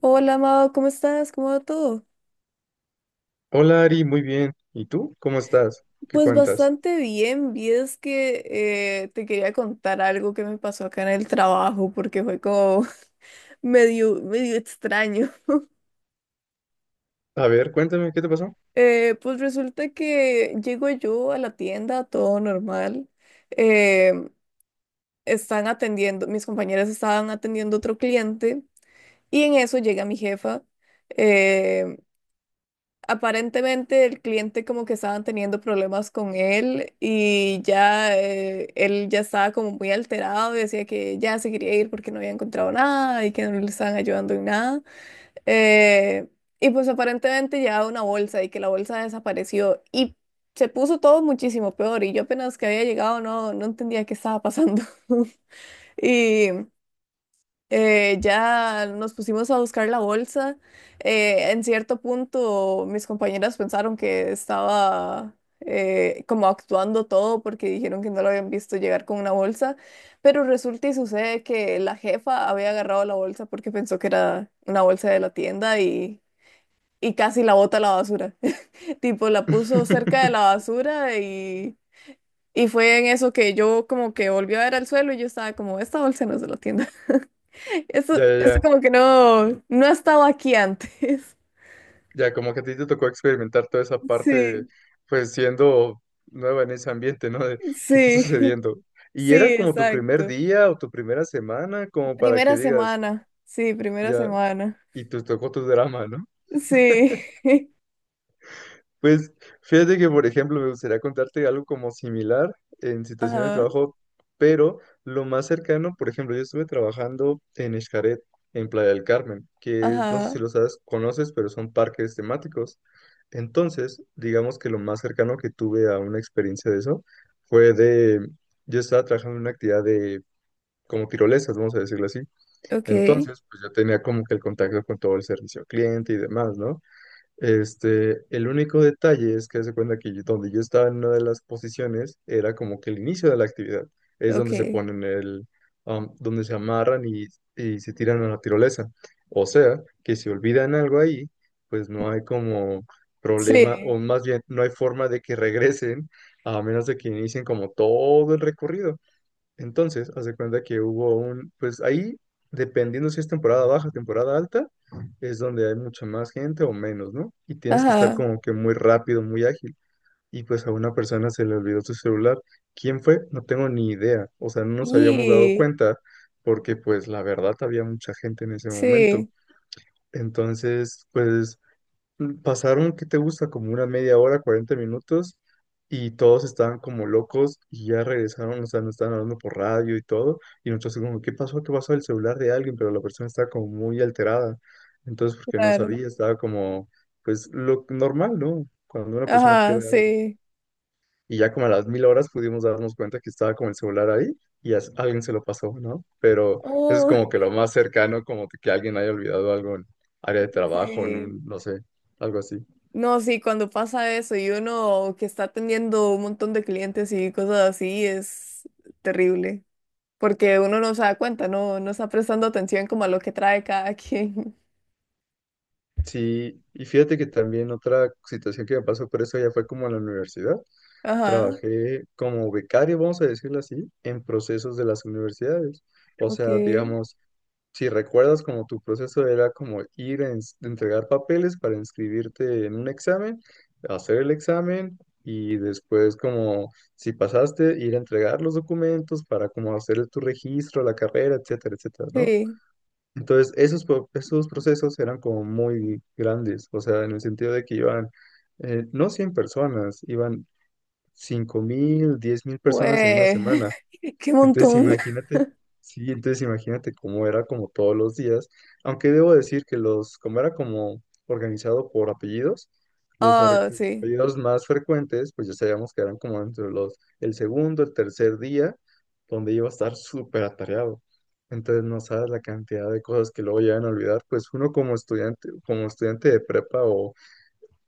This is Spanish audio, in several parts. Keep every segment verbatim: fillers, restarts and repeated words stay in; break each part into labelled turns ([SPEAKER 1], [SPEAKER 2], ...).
[SPEAKER 1] Hola, Amado, ¿cómo estás? ¿Cómo va todo?
[SPEAKER 2] Hola Ari, muy bien. ¿Y tú? ¿Cómo estás? ¿Qué
[SPEAKER 1] Pues
[SPEAKER 2] cuentas?
[SPEAKER 1] bastante bien, vi es que eh, te quería contar algo que me pasó acá en el trabajo porque fue como medio, medio extraño.
[SPEAKER 2] A ver, cuéntame, ¿qué te pasó?
[SPEAKER 1] Eh, pues resulta que llego yo a la tienda, todo normal. eh, Están atendiendo, mis compañeras estaban atendiendo otro cliente y en eso llega mi jefa. eh, Aparentemente el cliente como que estaban teniendo problemas con él y ya eh, él ya estaba como muy alterado y decía que ya se quería ir porque no había encontrado nada y que no le estaban ayudando en nada. Eh, y pues aparentemente llevaba una bolsa y que la bolsa desapareció y se puso todo muchísimo peor y yo apenas que había llegado no, no entendía qué estaba pasando. Y eh, ya nos pusimos a buscar la bolsa. Eh, en cierto punto, mis compañeras pensaron que estaba eh, como actuando todo porque dijeron que no lo habían visto llegar con una bolsa, pero resulta y sucede que la jefa había agarrado la bolsa porque pensó que era una bolsa de la tienda y, y casi la bota a la basura. Tipo, la puso cerca de la basura y fue en eso que yo como que volví a ver al suelo y yo estaba como, esta bolsa no es de la tienda. Esto,
[SPEAKER 2] Ya, ya,
[SPEAKER 1] esto
[SPEAKER 2] ya.
[SPEAKER 1] como que no, no ha estado aquí antes.
[SPEAKER 2] Ya, como que a ti te tocó experimentar toda esa parte,
[SPEAKER 1] Sí,
[SPEAKER 2] pues siendo nueva en ese ambiente, ¿no? De qué está
[SPEAKER 1] sí,
[SPEAKER 2] sucediendo. ¿Y
[SPEAKER 1] sí,
[SPEAKER 2] era como tu primer
[SPEAKER 1] exacto.
[SPEAKER 2] día o tu primera semana, como para que
[SPEAKER 1] Primera
[SPEAKER 2] digas?
[SPEAKER 1] semana, sí, primera
[SPEAKER 2] Ya,
[SPEAKER 1] semana.
[SPEAKER 2] y te tocó tu drama, ¿no?
[SPEAKER 1] Sí,
[SPEAKER 2] Pues fíjate que, por ejemplo, me gustaría contarte algo como similar en situaciones de
[SPEAKER 1] ajá,
[SPEAKER 2] trabajo, pero lo más cercano, por ejemplo, yo estuve trabajando en Xcaret, en Playa del Carmen, que es- no sé
[SPEAKER 1] ajá,
[SPEAKER 2] si lo sabes, conoces, pero son parques temáticos. Entonces, digamos que lo más cercano que tuve a una experiencia de eso fue de, yo estaba trabajando en una actividad de como tirolesas, vamos a decirlo así.
[SPEAKER 1] ok,
[SPEAKER 2] Entonces, pues yo tenía como que el contacto con todo el servicio al cliente y demás, ¿no? Este, el único detalle es que se cuenta que yo- donde yo estaba en una de las posiciones era como que el inicio de la actividad, es donde se
[SPEAKER 1] ok,
[SPEAKER 2] ponen el, am, donde se amarran y, y se tiran a la tirolesa. O sea, que si olvidan algo ahí, pues no hay como problema,
[SPEAKER 1] sí,
[SPEAKER 2] o más bien no hay forma de que regresen, a menos de que inicien como todo el recorrido. Entonces, haz de cuenta que hubo un, pues ahí, dependiendo si es temporada baja, temporada alta, es donde hay mucha más gente o menos, ¿no? Y tienes que estar
[SPEAKER 1] ajá,
[SPEAKER 2] como que muy rápido, muy ágil. Y pues a una persona se le olvidó su celular. ¿Quién fue? No tengo ni idea. O sea, no nos habíamos dado
[SPEAKER 1] y
[SPEAKER 2] cuenta porque pues la verdad había mucha gente en ese momento.
[SPEAKER 1] sí,
[SPEAKER 2] Entonces, pues pasaron, ¿qué te gusta? Como una media hora, cuarenta minutos, y todos estaban como locos y ya regresaron, o sea, nos estaban hablando por radio y todo, y nosotros así como, ¿qué pasó? ¿Qué pasó? El celular de alguien, pero la persona estaba como muy alterada, entonces porque no
[SPEAKER 1] claro,
[SPEAKER 2] sabía, estaba como, pues lo normal, ¿no? Cuando una persona
[SPEAKER 1] ajá,
[SPEAKER 2] pierde algo.
[SPEAKER 1] sí,
[SPEAKER 2] Y ya como a las mil horas pudimos darnos cuenta que estaba como el celular ahí y as- alguien se lo pasó, ¿no? Pero eso es
[SPEAKER 1] oh,
[SPEAKER 2] como que lo más cercano, como que alguien haya olvidado algo en área de trabajo, en
[SPEAKER 1] sí.
[SPEAKER 2] un- no sé, algo así.
[SPEAKER 1] No, sí, cuando pasa eso y uno que está atendiendo un montón de clientes y cosas así es terrible, porque uno no se da cuenta, no, no está prestando atención como a lo que trae cada quien.
[SPEAKER 2] Sí, y fíjate que también otra situación que me pasó por eso ya fue como en la universidad.
[SPEAKER 1] Ajá,
[SPEAKER 2] Trabajé como becario, vamos a decirlo así, en procesos de las universidades. O
[SPEAKER 1] ok,
[SPEAKER 2] sea, digamos, si recuerdas como tu proceso era como ir a ens- entregar papeles para inscribirte en un examen, hacer el examen y después como si pasaste, ir a entregar los documentos para como hacer tu registro, la carrera, etcétera, etcétera, ¿no?
[SPEAKER 1] sí,
[SPEAKER 2] Entonces, esos, pro- esos procesos eran como muy grandes, o sea, en el sentido de que iban, eh, no cien personas, iban cinco mil, diez mil personas en una
[SPEAKER 1] pues,
[SPEAKER 2] semana.
[SPEAKER 1] qué
[SPEAKER 2] Entonces
[SPEAKER 1] montón.
[SPEAKER 2] imagínate, sí, entonces imagínate cómo era como todos los días, aunque debo decir que los, como era como organizado por apellidos, los ar-
[SPEAKER 1] Ah, sí,
[SPEAKER 2] apellidos más frecuentes, pues ya sabíamos que eran como entre los, el segundo, el tercer día, donde iba a estar súper atareado. Entonces no sabes la cantidad de cosas que luego llegan a olvidar, pues uno como estudiante, como estudiante de prepa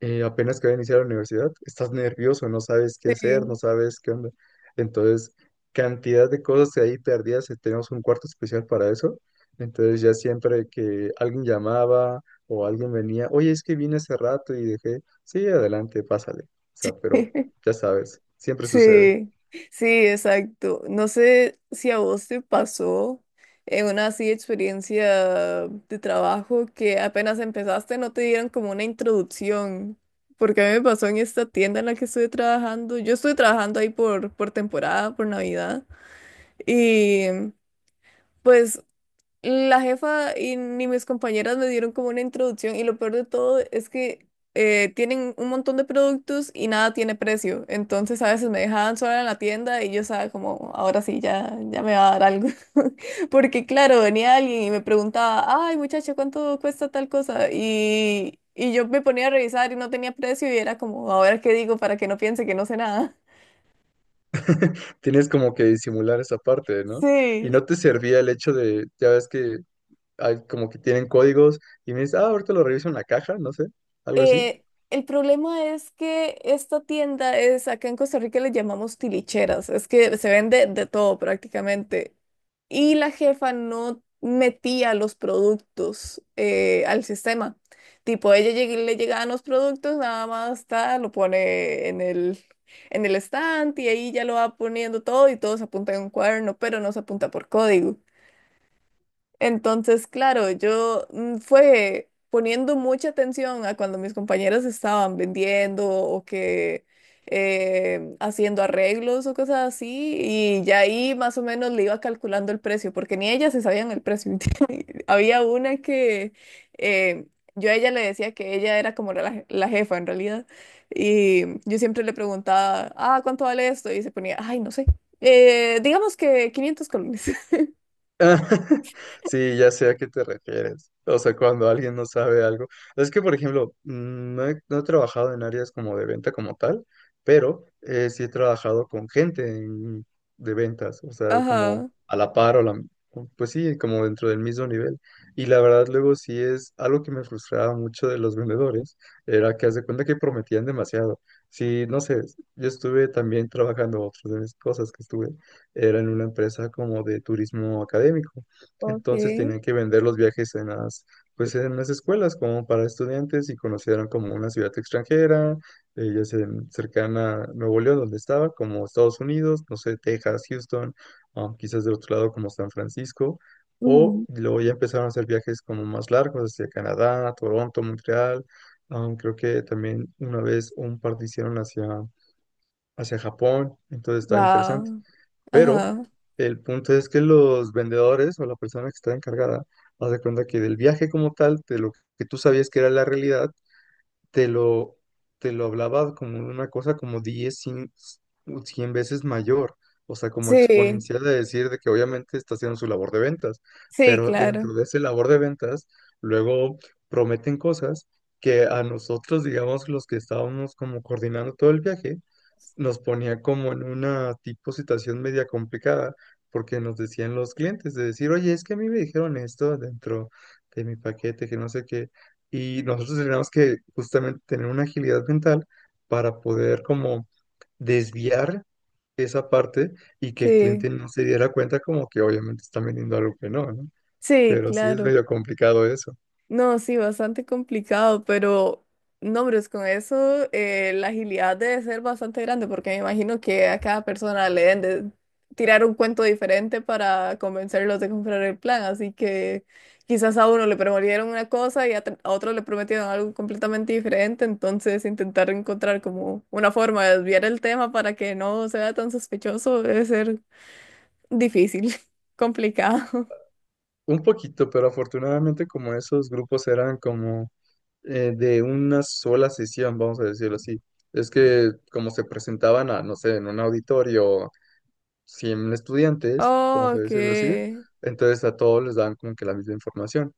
[SPEAKER 2] eh, apenas que voy a iniciar la universidad, estás nervioso, no sabes qué hacer, no
[SPEAKER 1] sí.
[SPEAKER 2] sabes qué onda. Entonces, cantidad de cosas ahí perdidas, eh, tenemos un cuarto especial para eso. Entonces, ya siempre que alguien llamaba o alguien venía, oye, es que vine hace rato y dejé, sí, adelante, pásale. O sea, pero ya sabes, siempre sucede.
[SPEAKER 1] Sí, sí, exacto. No sé si a vos te pasó en una así experiencia de trabajo que apenas empezaste no te dieron como una introducción, porque a mí me pasó en esta tienda en la que estuve trabajando. Yo estuve trabajando ahí por, por temporada, por Navidad, y pues la jefa y ni mis compañeras me dieron como una introducción y lo peor de todo es que eh, tienen un montón de productos y nada tiene precio. Entonces a veces me dejaban sola en la tienda y yo estaba como, ahora sí, ya, ya me va a dar algo. Porque claro, venía alguien y me preguntaba, ay muchacha, ¿cuánto cuesta tal cosa? Y, y yo me ponía a revisar y no tenía precio y era como, ahora qué digo para que no piense que no sé nada.
[SPEAKER 2] Tienes como que disimular esa parte, ¿no? Y
[SPEAKER 1] Sí,
[SPEAKER 2] no te servía el hecho de, ya ves que hay como que tienen códigos y me dices, ah, ahorita lo reviso en la caja, no sé, algo así.
[SPEAKER 1] Eh, el problema es que esta tienda es, acá en Costa Rica le llamamos tilicheras, es que se vende de todo prácticamente. Y la jefa no metía los productos eh, al sistema. Tipo, ella lleg- le llegaban los productos, nada más está, lo pone en el, en el stand y ahí ya lo va poniendo todo y todo se apunta en un cuaderno, pero no se apunta por código. Entonces, claro, yo mm, fue poniendo mucha atención a cuando mis compañeras estaban vendiendo o que eh, haciendo arreglos o cosas así, y ya ahí más o menos le iba calculando el precio, porque ni ellas se sabían el precio. Había una que eh, yo a ella le decía que ella era como la, la jefa en realidad, y yo siempre le preguntaba, ah, ¿cuánto vale esto? Y se ponía, ay, no sé, eh, digamos que quinientos colones.
[SPEAKER 2] Sí, ya sé a qué te refieres. O sea, cuando alguien no sabe algo. Es que, por ejemplo, mm, no he, no he trabajado en áreas como de venta como tal, pero eh, sí he trabajado con gente en- de ventas, o sea, como
[SPEAKER 1] Ajá.
[SPEAKER 2] a la par o la. Pues sí, como dentro del mismo nivel. Y la verdad, luego sí es algo que me frustraba mucho de los vendedores, era que haz de cuenta que prometían demasiado. Sí, no sé, yo estuve también trabajando otras de mis cosas que estuve era en una empresa como de turismo académico.
[SPEAKER 1] Ok.
[SPEAKER 2] Entonces tenían que vender los viajes en las, pues en las escuelas como para estudiantes y conocieron como una ciudad extranjera, eh, ya sea en- cercana a Nuevo León, donde estaba, como Estados Unidos, no sé, Texas, Houston, ah, quizás del otro lado como San Francisco. O luego ya empezaron a hacer viajes como más largos hacia Canadá, Toronto, Montreal. Ah, creo que también una vez un par de hicieron hacia, hacia Japón, entonces estaba interesante.
[SPEAKER 1] Wow.
[SPEAKER 2] Pero
[SPEAKER 1] Ajá.
[SPEAKER 2] el punto es que los vendedores o la persona que está encargada, haz de cuenta que del viaje como tal, de lo que tú sabías que era la realidad, te lo, te lo hablaba como una cosa como diez cien 100 veces mayor, o sea, como
[SPEAKER 1] Sí,
[SPEAKER 2] exponencial de decir de que obviamente está haciendo su labor de ventas,
[SPEAKER 1] sí,
[SPEAKER 2] pero
[SPEAKER 1] claro.
[SPEAKER 2] dentro de esa labor de ventas, luego prometen cosas que a nosotros, digamos, los que estábamos como coordinando todo el viaje, nos ponía como en una tipo situación media complicada, porque nos decían los clientes de decir, oye, es que a mí me dijeron esto dentro de mi paquete, que no sé qué, y nosotros tenemos que justamente tener una agilidad mental para poder como desviar esa parte y que el
[SPEAKER 1] Sí,
[SPEAKER 2] cliente no se diera cuenta como que obviamente están vendiendo algo que no, ¿no?
[SPEAKER 1] sí,
[SPEAKER 2] Pero sí es
[SPEAKER 1] claro.
[SPEAKER 2] medio complicado eso.
[SPEAKER 1] No, sí, bastante complicado, pero no, pero es con eso eh, la agilidad debe ser bastante grande, porque me imagino que a cada persona le deben de tirar un cuento diferente para convencerlos de comprar el plan, así que quizás a uno le prometieron una cosa y a, tr- a otro le prometieron algo completamente diferente, entonces intentar encontrar como una forma de desviar el tema para que no sea tan sospechoso debe ser difícil, complicado.
[SPEAKER 2] Un poquito, pero afortunadamente como esos grupos eran como eh, de una sola sesión, vamos a decirlo así, es que como se presentaban a, no sé, en un auditorio, cien estudiantes,
[SPEAKER 1] Oh,
[SPEAKER 2] vamos a
[SPEAKER 1] ok,
[SPEAKER 2] decirlo así, entonces a todos les daban como que la misma información.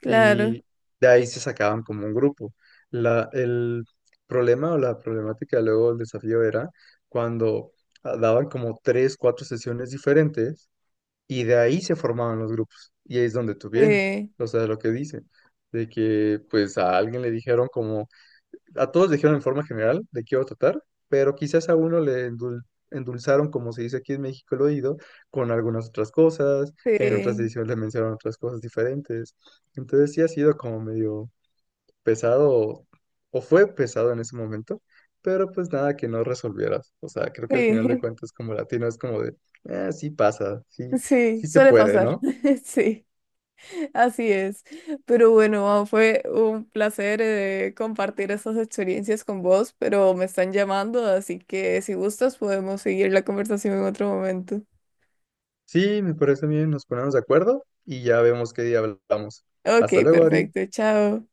[SPEAKER 1] claro.
[SPEAKER 2] Y de ahí se sacaban como un grupo. La, el problema o la problemática luego del desafío era cuando ah, daban como tres, cuatro sesiones diferentes y de ahí se formaban los grupos. Y ahí es donde tú vienes,
[SPEAKER 1] Sí.
[SPEAKER 2] o sea, lo que dicen, de que pues a alguien le dijeron como, a todos dijeron en forma general de qué iba a tratar, pero quizás a uno le endul- endulzaron, como se dice aquí en México, el oído, con algunas otras cosas, en otras
[SPEAKER 1] Sí,
[SPEAKER 2] ediciones le mencionaron otras cosas diferentes. Entonces sí ha sido como medio pesado, o o fue pesado en ese momento, pero pues nada que no resolvieras. O sea, creo que al final de
[SPEAKER 1] sí,
[SPEAKER 2] cuentas como latino es como de, "Ah, sí pasa, sí,
[SPEAKER 1] sí,
[SPEAKER 2] sí se
[SPEAKER 1] suele
[SPEAKER 2] puede",
[SPEAKER 1] pasar.
[SPEAKER 2] ¿no?
[SPEAKER 1] Sí, así es. Pero bueno, Mau, fue un placer eh, compartir estas experiencias con vos, pero me están llamando, así que si gustas podemos seguir la conversación en otro momento.
[SPEAKER 2] Sí, me parece bien, nos ponemos de acuerdo y ya vemos qué día hablamos.
[SPEAKER 1] Ok,
[SPEAKER 2] Hasta luego, Ari.
[SPEAKER 1] perfecto, chao.